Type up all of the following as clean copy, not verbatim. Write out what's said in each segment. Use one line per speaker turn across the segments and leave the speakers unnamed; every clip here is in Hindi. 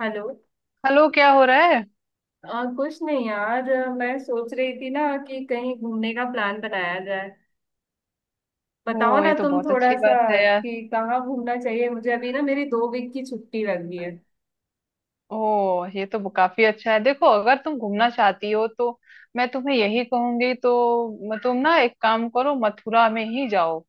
हेलो।
हेलो, क्या हो रहा है।
कुछ नहीं यार, मैं सोच रही थी ना कि कहीं घूमने का प्लान बनाया जाए। बताओ
ओ,
ना
ये तो
तुम
बहुत
थोड़ा
अच्छी
सा
बात है यार।
कि कहाँ घूमना चाहिए मुझे। अभी ना मेरी 2 वीक की छुट्टी लग गई है।
ओ, ये तो काफी अच्छा है। देखो, अगर तुम घूमना चाहती हो तो मैं तुम्हें यही कहूंगी तो तुम ना एक काम करो, मथुरा में ही जाओ।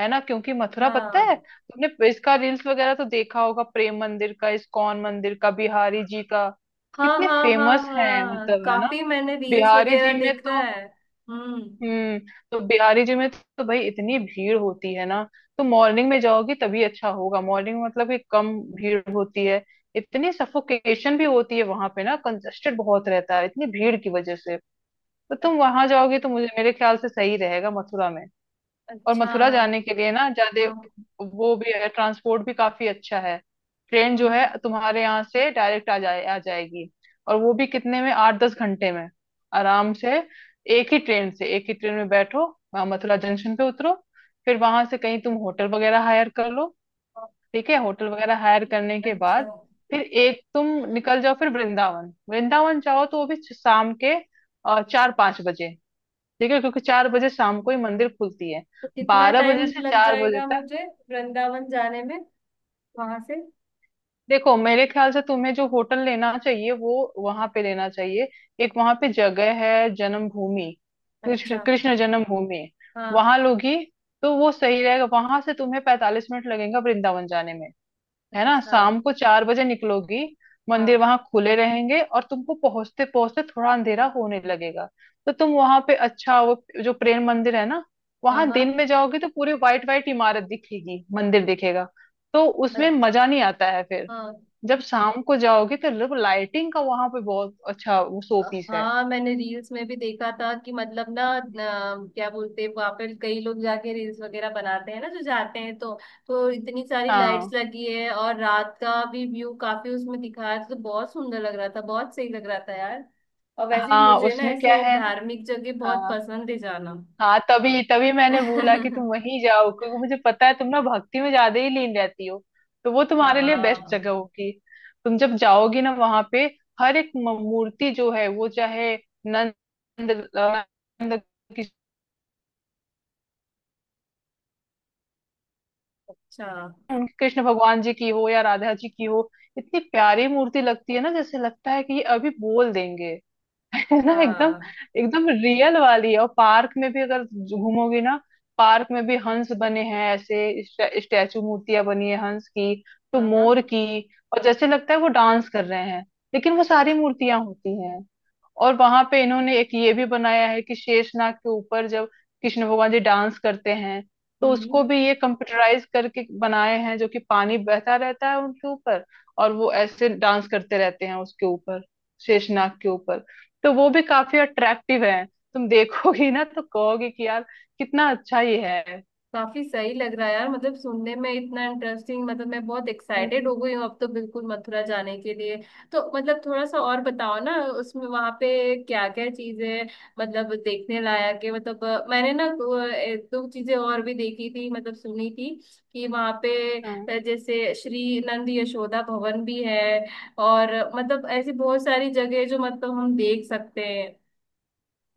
है ना? क्योंकि मथुरा, पता
हाँ,
है, तुमने इसका रील्स वगैरह तो देखा होगा, प्रेम मंदिर का, इस्कॉन मंदिर का, बिहारी जी का।
हाँ,
कितने
हाँ, हाँ,
फेमस है,
हाँ,
मतलब, है ना?
काफी मैंने रील्स
बिहारी
वगैरह
जी में
देखा
तो
है। हम्म।
हम्म। तो बिहारी जी में तो भाई इतनी भीड़ होती है ना। तो मॉर्निंग में जाओगी तभी अच्छा होगा। मॉर्निंग मतलब कि कम भीड़ होती है। इतनी सफोकेशन भी होती है वहां पे ना, कंजस्टेड बहुत रहता है इतनी भीड़ की वजह से। तो
अ-
तुम वहां जाओगी तो मुझे मेरे ख्याल से सही रहेगा, मथुरा में। और
अच्छा।
मथुरा जाने के लिए ना ज्यादा
हाँ।
वो भी है, ट्रांसपोर्ट भी काफी अच्छा है। ट्रेन जो है
हम्म।
तुम्हारे यहाँ से डायरेक्ट आ जाए, आ जाएगी। और वो भी कितने में, 8-10 घंटे में, आराम से। एक ही ट्रेन से, एक ही ट्रेन में बैठो, वहाँ मथुरा जंक्शन पे उतरो। फिर वहां से कहीं तुम होटल वगैरह हायर कर लो।
हाँ,
ठीक है? होटल वगैरह हायर करने के
अच्छा।
बाद फिर एक तुम निकल जाओ। फिर वृंदावन, वृंदावन जाओ तो वो भी शाम के 4-5 बजे। देखिए, क्योंकि 4 बजे शाम को ही मंदिर खुलती है,
तो कितना
बारह
टाइम
बजे से
लग
चार बजे
जाएगा
तक
मुझे वृंदावन जाने में वहां से?
देखो, मेरे ख्याल से तुम्हें जो होटल लेना चाहिए वो वहां पे लेना चाहिए। एक वहां पे जगह है, जन्मभूमि, कृष्ण
अच्छा।
कृष्ण जन्मभूमि।
हाँ।
वहां लोगी तो वो सही रहेगा, वहां से तुम्हें 45 मिनट लगेगा वृंदावन जाने में। है ना?
अच्छा।
शाम को 4 बजे निकलोगी, मंदिर
हाँ,
वहां खुले रहेंगे और तुमको पहुंचते पहुंचते थोड़ा अंधेरा होने लगेगा। तो तुम वहां पे अच्छा वो जो प्रेम मंदिर है ना,
हाँ,
वहां
हाँ।
दिन में जाओगी तो पूरी व्हाइट व्हाइट इमारत दिखेगी, मंदिर दिखेगा। तो उसमें
अच्छा।
मजा नहीं आता है फिर।
हाँ,
जब शाम को जाओगी तो लाइटिंग का वहां पे बहुत अच्छा वो शो पीस है।
हाँ, मैंने रील्स में भी देखा था कि मतलब ना, न, क्या बोलते हैं, वहां पर कई लोग जाके रील्स वगैरह बनाते हैं ना जो जाते हैं, तो इतनी सारी
हाँ,
लाइट्स लगी है और रात का भी व्यू काफी उसमें दिखाया था, तो बहुत सुंदर लग रहा था, बहुत सही लग रहा था यार। और वैसे ही
हाँ,
मुझे ना
उसमें क्या
ऐसे
है ना।
धार्मिक जगह बहुत
हाँ।
पसंद है जाना।
हाँ, तभी तभी मैंने बोला कि तुम वहीं जाओ, क्योंकि मुझे पता है तुम ना भक्ति में ज्यादा ही लीन रहती हो। तो वो तुम्हारे लिए बेस्ट
हाँ।
जगह होगी। तुम जब जाओगी ना वहां पे, हर एक मूर्ति जो है वो चाहे नंद, नंद की-
अच्छा।
उनकी कृष्ण भगवान जी की हो या राधा जी की हो, इतनी प्यारी मूर्ति लगती है ना, जैसे लगता है कि ये अभी बोल देंगे। है
अच्छा।
ना, एकदम एकदम रियल वाली। और पार्क में भी अगर घूमोगी ना, पार्क में भी हंस बने हैं, ऐसे स्टैचू, मूर्तियां बनी है हंस की, तो
हाँ, हाँ।
मोर की। और जैसे लगता है वो डांस कर रहे हैं, लेकिन वो सारी मूर्तियां होती हैं। और वहां पे इन्होंने एक ये भी बनाया है कि शेषनाग के ऊपर जब कृष्ण भगवान जी डांस करते हैं, तो
हम्म।
उसको
हम्म।
भी ये कंप्यूटराइज करके बनाए हैं, जो कि पानी बहता रहता है उनके ऊपर और वो ऐसे डांस करते रहते हैं उसके ऊपर, शेषनाग के ऊपर। तो वो भी काफी अट्रैक्टिव है। तुम देखोगी ना तो कहोगी कि यार, कितना अच्छा ये है।
काफी सही लग रहा है यार, मतलब सुनने में इतना इंटरेस्टिंग, मतलब मैं बहुत एक्साइटेड हो गई हूँ अब तो, बिल्कुल मथुरा जाने के लिए। तो मतलब थोड़ा सा और बताओ ना उसमें, वहां पे क्या क्या चीजें मतलब देखने लायक है। मतलब मैंने ना दो एक दो चीजें और भी देखी थी, मतलब सुनी थी कि वहां पे
हम्म।
जैसे श्री नंद यशोदा भवन भी है, और मतलब ऐसी बहुत सारी जगह है जो मतलब हम देख सकते हैं।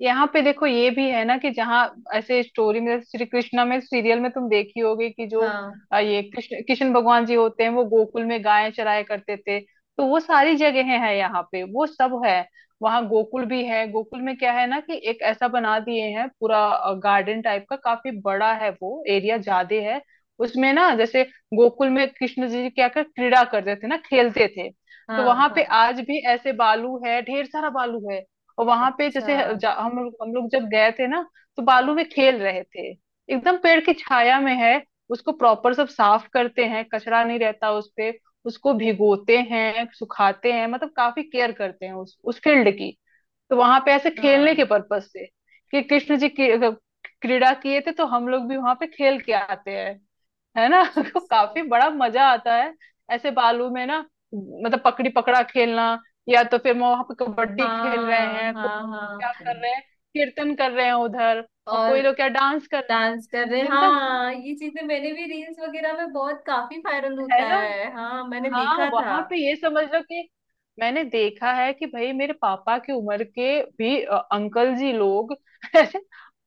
यहाँ पे देखो, ये भी है ना कि जहाँ, ऐसे स्टोरी में, जैसे श्री कृष्णा में, सीरियल में तुम देखी होगी कि जो
हाँ,
ये कृष्ण कृष्ण भगवान जी होते हैं, वो गोकुल में गायें चराया करते थे, तो वो सारी जगह है यहाँ पे, वो सब है। वहाँ गोकुल भी है। गोकुल में क्या है ना कि एक ऐसा बना दिए हैं पूरा गार्डन टाइप का, काफी बड़ा है वो, एरिया ज्यादा है। उसमें ना जैसे गोकुल में कृष्ण जी क्या कर क्रीड़ा करते थे ना, खेलते थे। तो
हाँ,
वहां पे
हाँ।
आज भी ऐसे बालू है, ढेर सारा बालू है। और वहां पे
अच्छा।
जैसे हम लोग जब गए थे ना, तो
हाँ,
बालू में खेल रहे थे, एकदम पेड़ की छाया में है। उसको प्रॉपर सब साफ करते हैं, कचरा नहीं रहता उस पे। उसको भिगोते हैं, सुखाते हैं, मतलब काफी केयर करते हैं उस फील्ड की। तो वहां पे ऐसे खेलने के
हाँ,
पर्पस से कि कृष्ण जी की क्रीड़ा किए थे, तो हम लोग भी वहां पे खेल के आते हैं। है ना। तो काफी बड़ा मजा आता है ऐसे बालू में ना। मतलब पकड़ी पकड़ा खेलना, या तो फिर वहां पे कबड्डी खेल रहे
हाँ,
हैं,
हाँ, हाँ
क्या कर रहे हैं, कीर्तन कर रहे हैं उधर, और
और
कोई लोग क्या डांस कर रहे
डांस
हैं,
कर रहे,
जिनका जो,
हाँ, ये चीजें मैंने भी रील्स वगैरह में बहुत, काफी वायरल होता
है ना।
है, हाँ मैंने
हाँ,
देखा था।
वहां पे ये समझ लो कि मैंने देखा है कि भाई मेरे पापा की उम्र के भी अंकल जी लोग, ऐसे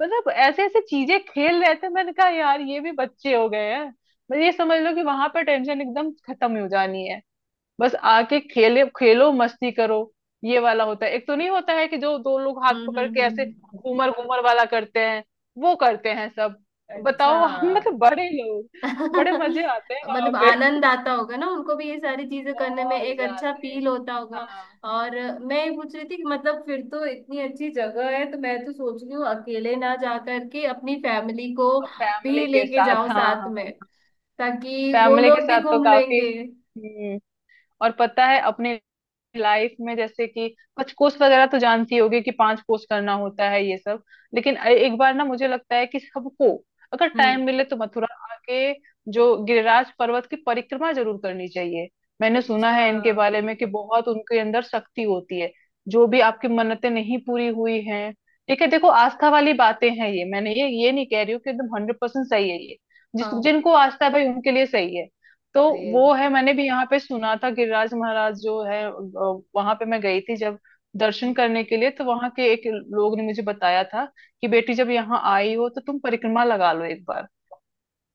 मतलब ऐसे ऐसे चीजें खेल रहे थे। मैंने कहा यार, ये भी बच्चे हो गए हैं। मतलब ये समझ लो कि वहां पर टेंशन एकदम खत्म ही हो जानी है। बस आके खेले खेलो, मस्ती करो। ये वाला होता है एक, तो नहीं होता है कि जो दो लोग हाथ
हम्म।
पकड़
हम्म।
के ऐसे
हम्म।
घूमर घूमर वाला करते हैं, वो करते हैं सब।
अच्छा।
बताओ, हम मतलब बड़े लोग। बड़े मजे आते हैं वहां
मतलब
पे,
आनंद आता होगा ना उनको भी, ये सारी चीजें करने में
बहुत
एक अच्छा
ज्यादा।
फील होता होगा।
हाँ,
और मैं ये पूछ रही थी कि मतलब फिर तो इतनी अच्छी जगह है, तो मैं तो सोच रही हूँ अकेले ना जा करके अपनी फैमिली को
और फैमिली
भी
के
लेके
साथ,
जाओ
हाँ,
साथ में,
हाँ,
ताकि वो
फैमिली के
लोग भी
साथ तो
घूम
काफी।
लेंगे।
हम्म। और पता है अपने लाइफ में जैसे कि कुछ कोर्स वगैरह तो जानती होगी कि 5 कोर्स करना होता है ये सब। लेकिन एक बार ना मुझे लगता है कि सबको अगर
हम्म।
टाइम मिले तो मथुरा आके जो गिरिराज पर्वत की परिक्रमा जरूर करनी चाहिए। मैंने सुना
अच्छा।
है इनके बारे में कि बहुत उनके अंदर शक्ति होती है। जो भी आपकी मन्नतें नहीं पूरी हुई हैं, ठीक है। देखो, आस्था वाली बातें हैं ये, मैंने ये नहीं कह रही हूँ कि एकदम 100% सही है ये। जिस
हाँ।
जिनको आस्था है भाई उनके लिए सही है। तो
फिर।
वो है। मैंने भी यहाँ पे सुना था गिरिराज महाराज जो है, वहां पे मैं गई थी जब दर्शन करने के लिए, तो वहां के एक लोग ने मुझे बताया था कि बेटी, जब यहाँ आई हो तो तुम परिक्रमा लगा लो एक बार।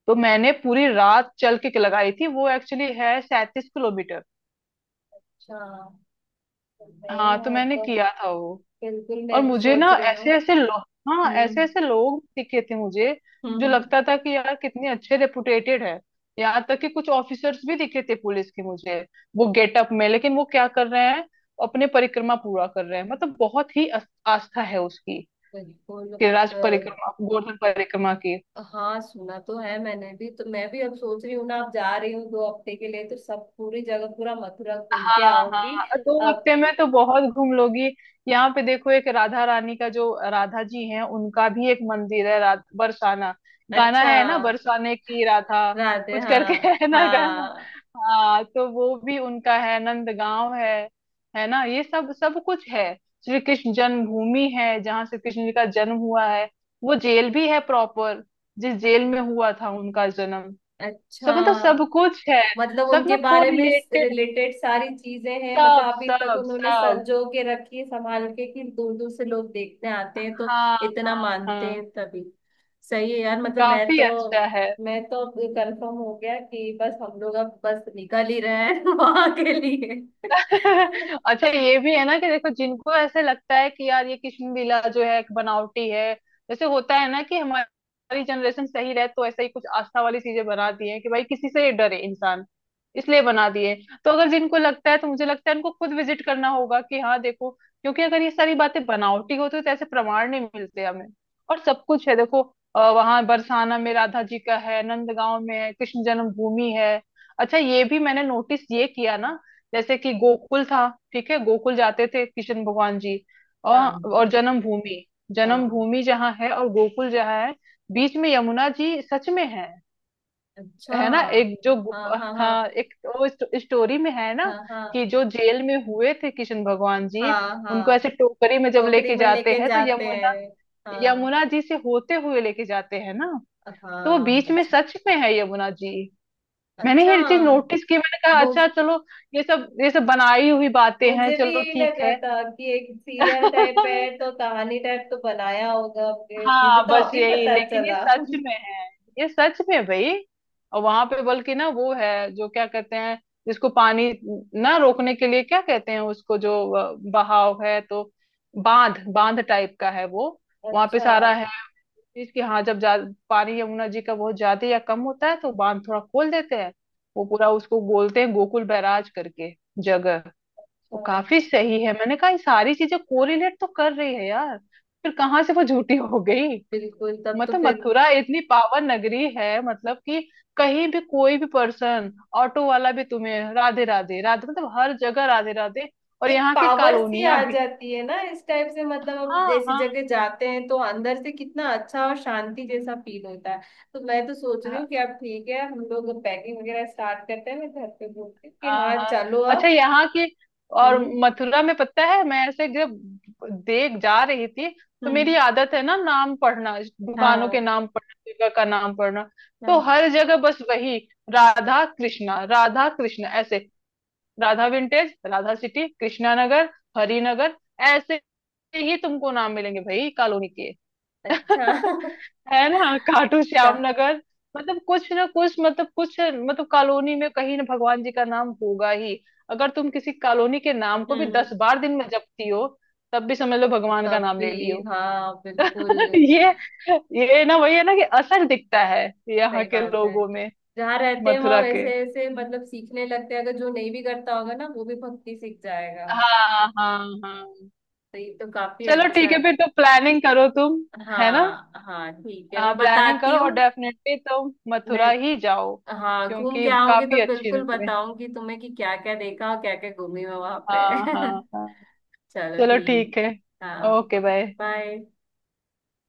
तो मैंने पूरी रात चल के लगाई थी वो, एक्चुअली है 37 किलोमीटर।
अच्छा।
हाँ, तो
मैं
मैंने
तो
किया था वो।
बिल्कुल मैं
और
भी
मुझे
सोच
ना
रही हूँ।
ऐसे ऐसे लोग, हाँ, ऐसे
हम्म।
ऐसे लोग दिखे थे मुझे,
हम्म,
जो लगता था कि यार कितने अच्छे रेपुटेटेड है। यहाँ तक कि कुछ ऑफिसर्स भी दिखे थे पुलिस के मुझे, वो गेटअप में, लेकिन वो क्या कर रहे हैं, अपने परिक्रमा पूरा कर रहे हैं। मतलब बहुत ही आस्था है उसकी,
बिल्कुल।
कि राज
अ,
परिक्रमा, गोवर्धन परिक्रमा की।
हाँ सुना तो है मैंने भी, तो मैं भी अब सोच रही हूँ ना, अब जा रही हूँ 2 हफ्ते के लिए, तो सब पूरी जगह पूरा मथुरा घूम के
हाँ,
आऊंगी।
हाँ, दो
अब।
हफ्ते में तो बहुत घूम लोगी। यहाँ पे देखो, एक राधा रानी का जो राधा जी हैं, उनका भी एक मंदिर है, बरसाना। गाना
अच्छा।
है ना, बरसाने की राधा
राधे,
कुछ करके।
हाँ,
है ना गाना।
हाँ।
हाँ, तो वो भी उनका है, नंदगांव है ना, ये सब सब कुछ है। श्री कृष्ण जन्मभूमि है जहाँ श्री कृष्ण जी का जन्म हुआ है। वो जेल भी है प्रॉपर, जिस जेल में हुआ था उनका जन्म।
अच्छा।
सब मतलब सब कुछ है।
मतलब
सब
उनके
ना
बारे में
कोरिलेटेड,
रिलेटेड सारी चीजें हैं, मतलब
सब
अभी तक
सब
उन्होंने
सब।
संजो के रखी है, संभाल के, कि दूर दूर से लोग देखने आते हैं, तो
हाँ,
इतना
हाँ,
मानते
हाँ,
हैं तभी। सही है यार,
काफी अच्छा है।
मैं तो कंफर्म हो गया कि बस हम लोग अब बस निकल ही रहे हैं वहां के लिए।
अच्छा, ये भी है ना कि देखो, जिनको ऐसे लगता है कि यार ये कृष्ण लीला जो है एक बनावटी है, जैसे होता है ना कि हमारी जनरेशन सही रहे तो ऐसा ही कुछ आस्था वाली चीजें बना दी है कि भाई किसी से डरे इंसान, इसलिए बना दिए। तो अगर जिनको लगता है, तो मुझे लगता है उनको खुद विजिट करना होगा कि हाँ देखो, क्योंकि अगर ये सारी बातें बनावटी होती तो ऐसे प्रमाण नहीं मिलते हमें। और सब कुछ है देखो, वहां बरसाना में राधा जी का है, नंदगांव में है, कृष्ण जन्मभूमि है। अच्छा ये भी मैंने नोटिस ये किया ना, जैसे कि गोकुल था, ठीक है गोकुल जाते थे कृष्ण भगवान जी,
हाँ,
और जन्मभूमि,
हाँ।
जन्मभूमि जहाँ है और गोकुल जहाँ है, बीच में यमुना जी सच में है।
अच्छा।
है ना, एक जो
हाँ, हाँ,
हाँ,
हाँ,
एक वो स्टोरी में है ना
हाँ,
कि
हाँ,
जो जेल में हुए थे कृष्ण भगवान जी,
हाँ,
उनको
हाँ,
ऐसे टोकरी में जब
टोकरी
लेके
में
जाते
लेके
हैं, तो
जाते
यमुना,
हैं। हाँ,
यमुना जी से होते हुए लेके जाते हैं ना। तो वो
हाँ।
बीच में
अच्छा।
सच में है यमुना जी। मैंने
अच्छा।
ये चीज नोटिस की, मैंने कहा
वो,
अच्छा, चलो, ये सब बनाई हुई बातें हैं,
मुझे भी
चलो
यही
ठीक
लगा
है।
था कि एक सीरियल टाइप है तो कहानी टाइप तो बनाया होगा आपने। मुझे
हाँ
तो
बस
अभी
यही,
पता
लेकिन ये
चला।
सच में है। ये सच में है भाई। और वहां पे बल्कि ना वो है, जो क्या कहते हैं, जिसको पानी ना रोकने के लिए क्या कहते हैं, उसको जो बहाव है तो, बांध बांध टाइप का है वो, वहां पे
अच्छा।
सारा है। चीज कि हाँ, जब पानी यमुना जी का बहुत ज्यादा या कम होता है तो बांध थोड़ा खोल देते हैं। वो पूरा उसको बोलते हैं गोकुल बैराज करके, जगह। वो
अच्छा।
काफी सही है। मैंने कहा ये सारी चीजें कोरिलेट तो कर रही है यार, फिर कहाँ से वो झूठी हो गई।
बिल्कुल, तब तो
मतलब
फिर
मथुरा इतनी पावन नगरी है, मतलब कि कहीं भी कोई भी पर्सन, ऑटो वाला भी तुम्हें राधे राधे राधे, मतलब हर जगह राधे राधे, और
एक
यहाँ की
पावर सी
कॉलोनियां
आ
भी।
जाती है ना इस टाइप से, मतलब हम
हाँ,
जैसी
हाँ,
जगह जाते हैं तो अंदर से कितना अच्छा और शांति जैसा फील होता है। तो मैं तो सोच रही हूँ कि
हाँ,
अब ठीक है, हम लोग पैकिंग वगैरह स्टार्ट करते हैं, मैं घर पे बोलती हूँ कि
हाँ,
हाँ
हाँ।
चलो
अच्छा,
अब।
यहाँ की और
हम्म।
मथुरा में, पता है, मैं ऐसे जब देख जा रही थी, तो
हम्म।
मेरी आदत है ना नाम पढ़ना, दुकानों के
हाँ,
नाम पढ़ना, जगह का नाम पढ़ना। तो
हाँ।
हर जगह बस वही, राधा कृष्णा, राधा कृष्णा, ऐसे। राधा विंटेज, राधा सिटी, कृष्णा नगर, हरिनगर, ऐसे ही तुमको नाम मिलेंगे भाई कॉलोनी के।
अच्छा।
है ना, खाटू श्याम
का-
नगर। मतलब कुछ ना कुछ, मतलब कुछ, मतलब कॉलोनी में कहीं ना भगवान जी का नाम होगा ही। अगर तुम किसी कॉलोनी के नाम को भी
हम्म।
10 बार दिन में जपती हो, तब भी समझ लो भगवान का
तब
नाम
भी।
ले लियो।
हाँ, बिल्कुल।
ये ये ना वही है ना कि असर दिखता है यहाँ
सही
के
बात है।
लोगों में,
जहाँ रहते हैं वहां
मथुरा के।
वैसे ऐसे मतलब सीखने लगते हैं, अगर जो नहीं भी करता होगा ना वो भी भक्ति सीख जाएगा।
हाँ, हाँ, हाँ,
तो ये तो काफी
चलो
अच्छा
ठीक है, फिर
है।
तो प्लानिंग करो तुम, है ना?
हाँ, हाँ ठीक है,
हाँ,
मैं
प्लानिंग
बताती
करो, और
हूँ।
डेफिनेटली तुम
मैं,
मथुरा ही जाओ,
हाँ घूम
क्योंकि
के आऊंगी तो
काफी अच्छी
बिल्कुल
नगरी है।
बताऊंगी तुम्हें कि क्या क्या देखा और क्या क्या घूमी मैं वहां पे।
हाँ, हाँ, हाँ।
चलो
चलो
ठीक।
ठीक है,
हाँ।
Okay bye.
बाय।